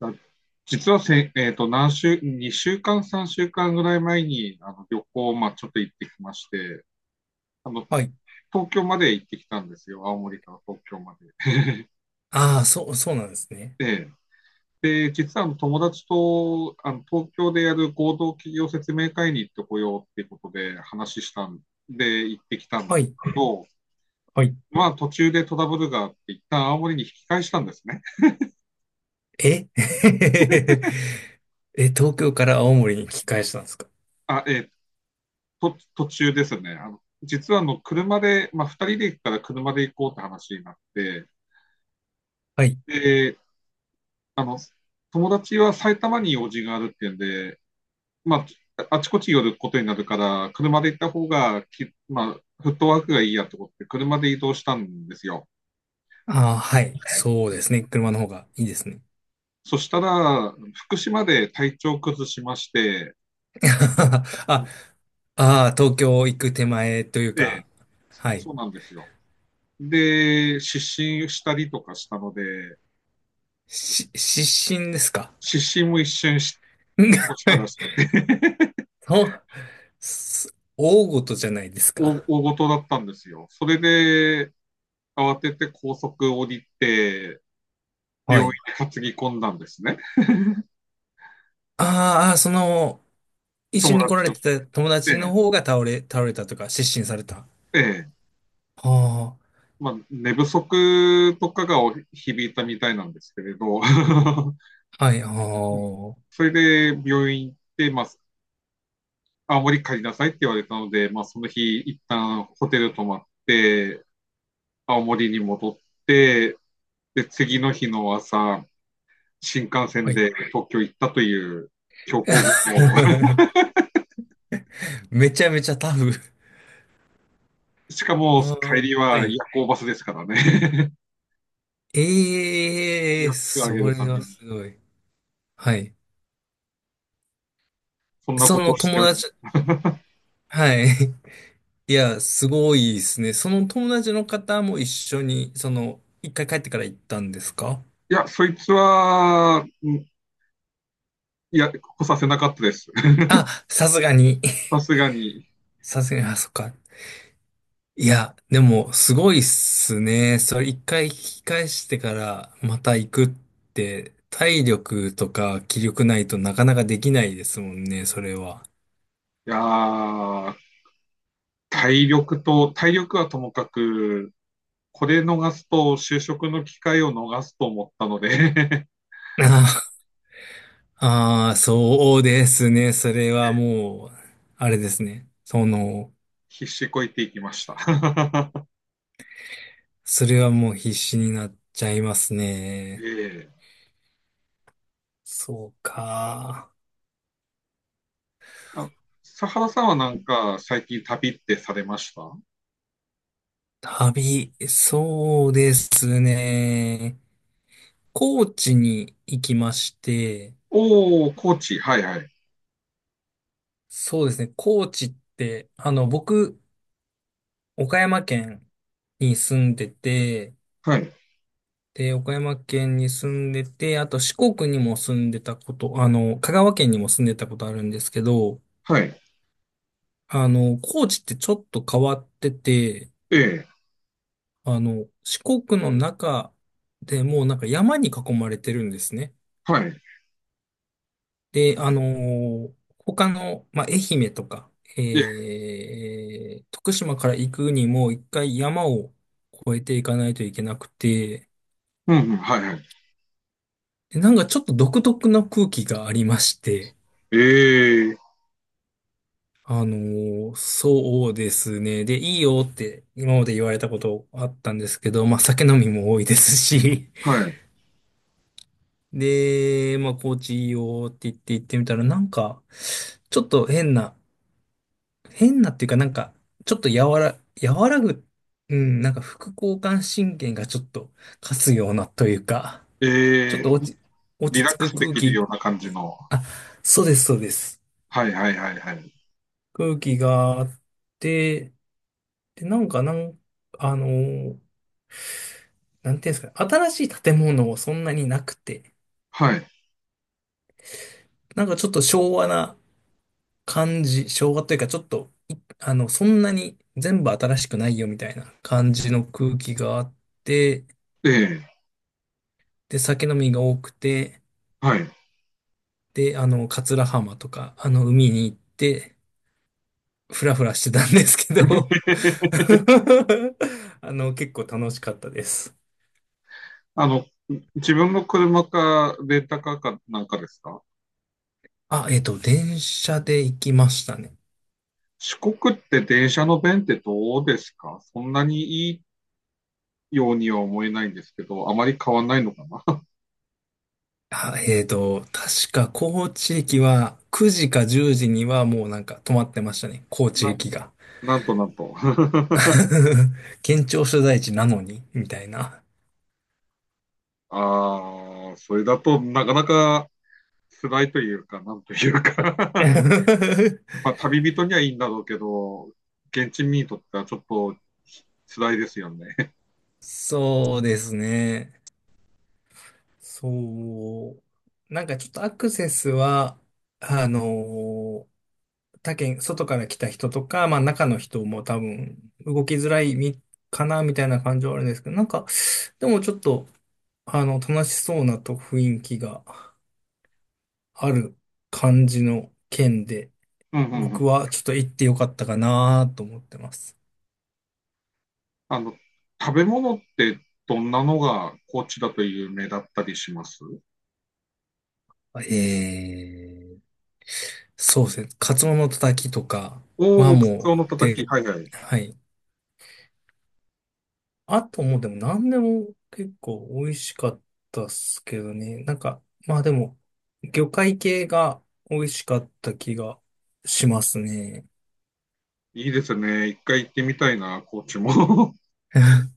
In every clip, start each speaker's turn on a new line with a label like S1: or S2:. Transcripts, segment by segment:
S1: あ実はせ、えっと、何週、2週間、3週間ぐらい前に、旅行を、ちょっと行ってきまして、あの、
S2: はい。
S1: 東京まで行ってきたんですよ。青森から東京ま
S2: ああ、そうなんですね。
S1: で。実は友達と、東京でやる合同企業説明会に行ってこようっていうことで話したんで、行ってきたん
S2: は
S1: です
S2: い。
S1: けど、
S2: はい。
S1: 途中でトラブルがあって、一旦青森に引き返したんですね。
S2: え え、東京から青森に引き返したんですか。
S1: あ、えっ途中ですね。実は車で、2人で行ったら車で行こうって話になって、
S2: はい。
S1: で、あの、友達は埼玉に用事があるっていうんで、まあちこち寄ることになるから、車で行った方がき、まあ、フットワークがいいやってことで、車で移動したんですよ。
S2: ああ、はい。そうですね。車の方がいいですね。
S1: そしたら、福島で体調崩しまして、
S2: あ、東京行く手前というか、
S1: で、
S2: はい。
S1: そうなんですよ。失神したりとかしたので、
S2: 失神ですか。
S1: 失神も一瞬し起こしたらしくて
S2: そう、す、大事じゃないですか。
S1: 大事だったんですよ。それで、慌てて高速降りて、
S2: は
S1: 病院
S2: い。
S1: に担ぎ込んだんですね。
S2: あーあー、その、一緒
S1: 友
S2: に来ら
S1: 達
S2: れ
S1: を追っ
S2: てた友達の
S1: て、
S2: 方が倒れたとか、失神された。
S1: ええ、
S2: ああ。
S1: 寝不足とかが響いたみたいなんですけれど、
S2: はい、ああ、
S1: うん。
S2: は
S1: それで病院行って、青森帰りなさいって言われたので、その日、一旦ホテル泊まって、青森に戻って、で、次の日の朝、新幹線
S2: い。
S1: で東京行ったという強行軍を。
S2: めちゃめちゃタフ。
S1: しか
S2: あ
S1: も、帰
S2: ー
S1: り
S2: は
S1: は夜
S2: い。
S1: 行バスですからね。
S2: ええ、
S1: 安く上げ
S2: そ
S1: るた
S2: れ
S1: め
S2: は
S1: に、
S2: すごい。はい。
S1: そんな
S2: そ
S1: こと
S2: の
S1: をし
S2: 友
S1: ており
S2: 達、
S1: ます。
S2: はい。いや、すごいですね。その友達の方も一緒に、その、一回帰ってから行ったんですか。
S1: いや、そいつは、いや、来させなかったです。
S2: あ、さすがに。
S1: さすがに。
S2: さすがに、あ、そっか。いや、でも、すごいっすね。それ一回引き返してから、また行くって、体力とか気力ないとなかなかできないですもんね、それは。
S1: やー、体力はともかく、これ逃すと、就職の機会を逃すと思ったので、
S2: ああ、あーそうですね。それはもう、あれですね。そ
S1: もう
S2: の、
S1: 必死こいていきました。
S2: それはもう必死になっちゃいますね。
S1: ええ。
S2: そうか。
S1: 佐原さんはなんか、最近旅ってされました？
S2: 旅、そうですね。高知に行きまして、
S1: おー、高知。はいはい。
S2: そうですね。高知って、あの、僕、岡山県に住んでて、
S1: はい。
S2: で、岡山県に住んでて、あと四国にも住んでたこと、あの、香川県にも住んでたことあるんですけど、
S1: はい。
S2: あの、高知ってちょっと変わってて、
S1: ええ、
S2: あの、四国の中でもうなんか山に囲まれてるんですね。
S1: はい。
S2: で、他の、まあ、愛媛とか、
S1: ええ、
S2: 徳島から行くにも一回山を越えていかないといけなくて、
S1: うんうん、はいはい。
S2: でなんかちょっと独特な空気がありまして、
S1: ええ、
S2: そうですね。で、いいよって今まで言われたことあったんですけど、まあ、酒飲みも多いですし、
S1: はい。
S2: で、まあ、高知いいよって言って行ってみたら、なんか、ちょっと変な、変なっていうか、なんか、ちょっと和らぐ、うん、なんか副交感神経がちょっと勝つようなというか、
S1: え
S2: ちょっと
S1: え、リ
S2: 落
S1: ラ
S2: ち着
S1: ック
S2: く
S1: スで
S2: 空
S1: きる
S2: 気、
S1: ような感じの。
S2: あ、そうです。
S1: はいはいはいはい。
S2: 空気があって、で、なんか、あのーなんていうんですかね、新しい建物もそんなになくて、
S1: はい。
S2: なんかちょっと昭和な感じ、昭和というか、ちょっと、い、あの、そんなに全部新しくないよみたいな感じの空気があって、
S1: ええ、
S2: で、酒飲みが多くて、
S1: はい。
S2: で、あの、桂浜とか、あの、海に行って、ふらふらしてたんですけど あの、結構楽しかったです。
S1: あの、自分の車か、レンタカーかなんかですか？
S2: あ、えっと、電車で行きましたね。
S1: 四国って電車の便ってどうですか？そんなにいいようには思えないんですけど、あまり変わんないのかな？
S2: あ、えっと、確か高知駅は9時か10時にはもうなんか止まってましたね。高 知
S1: な、
S2: 駅が。
S1: なんとなんと。
S2: 県庁所在地なのに、みたいな。
S1: ああ、それだとなかなか辛いというか、なんというか。 まあ、旅人にはいいんだろうけど、現地民にとってはちょっと辛いですよね。
S2: そうですね。そう。なんかちょっとアクセスは、あのー他県、外から来た人とか、まあ中の人も多分動きづらい、み、かな、みたいな感じはあるんですけど、なんか、でもちょっと、あの、楽しそうなと雰囲気がある感じの県で、
S1: うんうんうん。
S2: 僕はちょっと行ってよかったかなと思ってます。
S1: あの、食べ物ってどんなのが高知だと有名だったりします？
S2: えー、そうですね。カツオのたたきとか
S1: お
S2: は
S1: おー、カツ
S2: も
S1: オ
S2: う、
S1: のたたき。
S2: で、
S1: はいはい。
S2: はい。あともうでも何でも結構美味しかったっすけどね。なんか、まあでも、魚介系が美味しかった気がしますね。
S1: いいですね。一回行ってみたいな、高知も。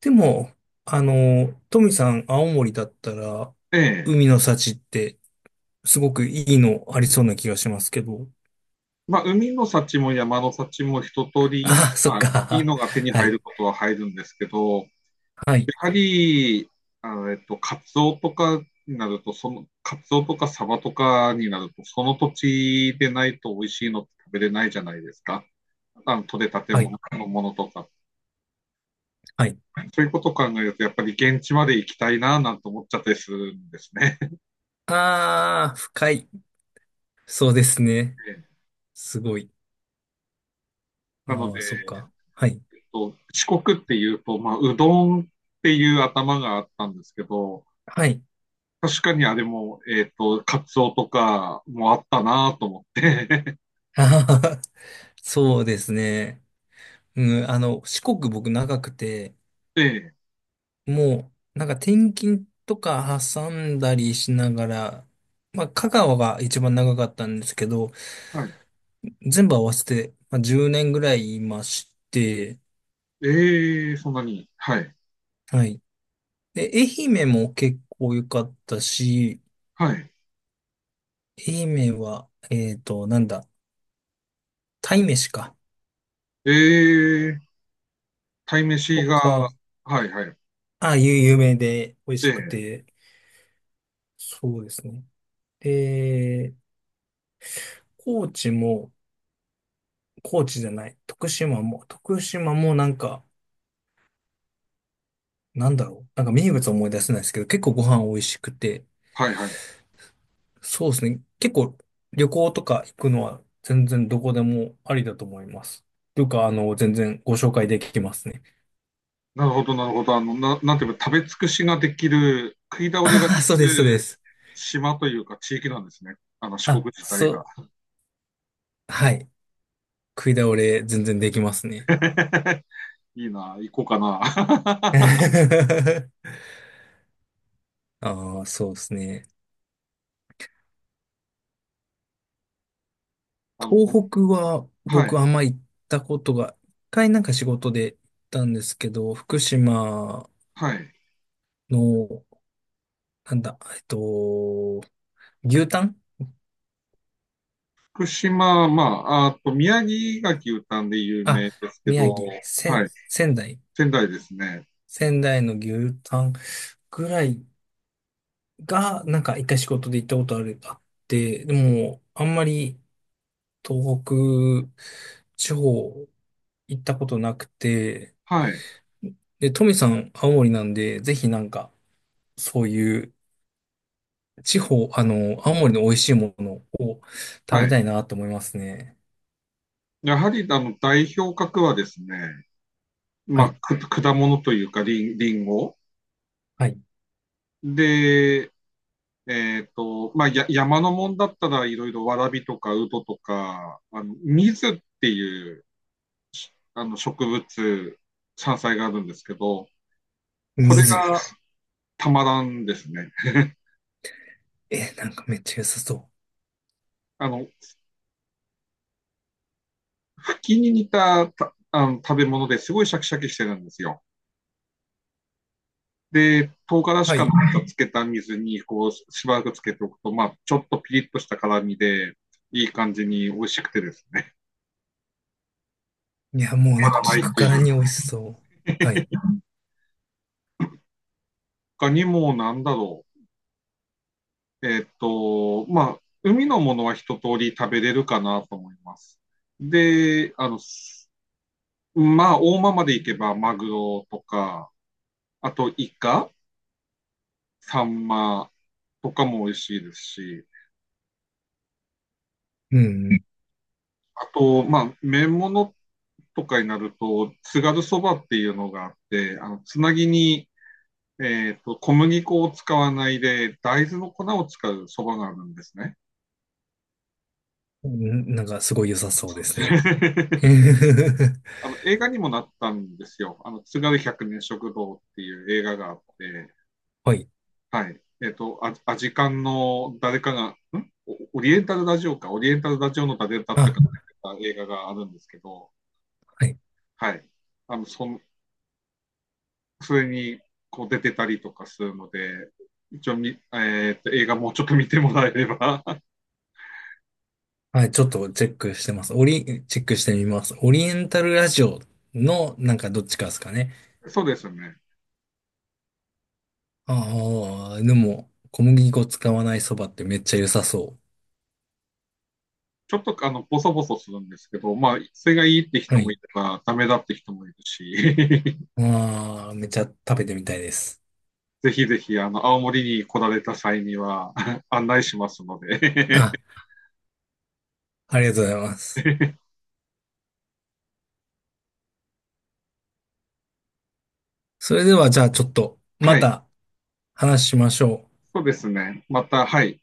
S2: でも、あの、トミさん、青森だったら、
S1: ええ。
S2: 海の幸ってすごくいいのありそうな気がしますけど。
S1: 海の幸も山の幸も一通り、
S2: ああ、そっ
S1: いい
S2: か。
S1: のが手に
S2: は
S1: 入
S2: い。
S1: ることは入るんですけど、や
S2: はい。
S1: はり、カツオとかになると、カツオとかサバとかになると、その土地でないと美味しいのって食べれないじゃないですか。あの、取れたて
S2: は
S1: も
S2: い。
S1: ののものとか。
S2: はい。
S1: そういうことを考えると、やっぱり現地まで行きたいな、なんて思っちゃったりするんですね。
S2: ああ、深い。そうですね。すごい。
S1: なの
S2: あ
S1: で、
S2: あ、そっか。はい。
S1: 四国っていうと、うどんっていう頭があったんですけど、
S2: はい。
S1: 確かにあれも、カツオとかもあったなと思って。
S2: あはは、そうですね。うん、あの、四国僕長くて、
S1: で、
S2: もう、なんか転勤とか挟んだりしながら、まあ、香川が一番長かったんですけど、
S1: はい。
S2: 全部合わせて、まあ、10年ぐらいいまして、
S1: ええ、そんなに。はい。
S2: はい。で、愛媛も結構良かったし、
S1: はい。
S2: 愛媛は、えっと、なんだ、鯛めしか、
S1: ええ、鯛め
S2: と
S1: しが、
S2: か、
S1: はいはい。
S2: あ、有名で美味しく
S1: ええ、
S2: て、そうですね。で、高知も、高知じゃない。徳島もなんか、なんだろう。なんか名物思い出せないですけど、結構ご飯美味しくて、
S1: はいはい。
S2: そうですね。結構旅行とか行くのは全然どこでもありだと思います。というか、あの、全然ご紹介できますね。
S1: なるほど、なるほど。なんていうか、食べ尽くしができる、食い倒れがで
S2: ああ、
S1: き
S2: そうで
S1: る
S2: す。
S1: 島というか地域なんですね。あの、四国
S2: あ、
S1: 自体が。
S2: そう。はい。食い倒れ全然できますね。
S1: いいな、行こうかな。
S2: ああ、そうですね。
S1: あの、
S2: 東北は
S1: は
S2: 僕
S1: い、
S2: あんま行ったことが、一回なんか仕事で行ったんですけど、福島
S1: はい。
S2: の、なんだ、えっと、牛タン、
S1: 福島、まあ、あと、宮城牡蠣たんで有
S2: あ、
S1: 名ですけ
S2: 宮
S1: ど、
S2: 城、
S1: はい、
S2: 仙台。
S1: 仙台ですね。
S2: 仙台の牛タンぐらいが、なんか一回仕事で行ったことある、あって、でも、あんまり東北地方行ったことなくて、
S1: はい、
S2: で、トミさん、青森なんで、ぜひなんか、そういう地方、あの、青森の美味しいものを食
S1: は
S2: べ
S1: い。
S2: たいなと思いますね。
S1: やはり、代表格はですね、
S2: は
S1: まあ、
S2: い。
S1: く果物というか、リンゴ
S2: はい。
S1: で、山のもんだったら、いろいろわらびとかウドとか、水っていう、植物、山菜があるんですけど、これ
S2: 水。
S1: がたまらんですね。
S2: え、なんかめっちゃ良さそう。
S1: あの、茎に似た、食べ物ですごいシャキシャキしてるんですよ。で、唐辛子
S2: は
S1: か
S2: い。
S1: なんかつけた水に、こう、しばらくつけておくと、ちょっとピリッとした辛みで、いい感じに美味しくてですね、
S2: いや、もう
S1: ま
S2: なんか
S1: だな
S2: 聞
S1: い
S2: く
S1: とい
S2: か
S1: う。
S2: らに美味しそう。はい。
S1: 他にもなんだろう。海のものは一通り食べれるかなと思います。で、あの、すまあ、大間まで行けばマグロとか、あとイカ、サンマとかも美味しいですし、
S2: うん
S1: あと、麺物とかになると、津軽そばっていうのがあって、つなぎに、小麦粉を使わないで、大豆の粉を使うそばがあるんですね。
S2: うん。ん、なんかすごい良さそうですね。
S1: あの、映画にもなったんですよ。あの、津軽百年食堂っていう映画があって、
S2: はい。
S1: はい。アジカンの誰かが、オリエンタルラジオか、オリエンタルラジオの誰だった
S2: あ、
S1: かが出てた映画があるんですけど、
S2: はい。
S1: はい。あの、そん、それに、こう出てたりとかするので、一応み、えっと、映画もうちょっと見てもらえれば。
S2: はい、ちょっとチェックしてます。オリ、チェックしてみます。オリエンタルラジオのなんかどっちかですかね。
S1: そうですね。
S2: ああ、でも小麦粉使わないそばってめっちゃ良さそ
S1: ちょっと、あの、ボソボソするんですけど、まあ、それがいいって
S2: う。は
S1: 人もい
S2: い。
S1: れば、ダメだって人もいるし。
S2: ああ、めっちゃ食べてみたいです。
S1: ぜひぜひ、あの、青森に来られた際には 案内しますので。
S2: あ、ありがとうございます。それではじゃあちょっと
S1: は
S2: ま
S1: い。
S2: た話しましょう。
S1: そうですね。また、はい。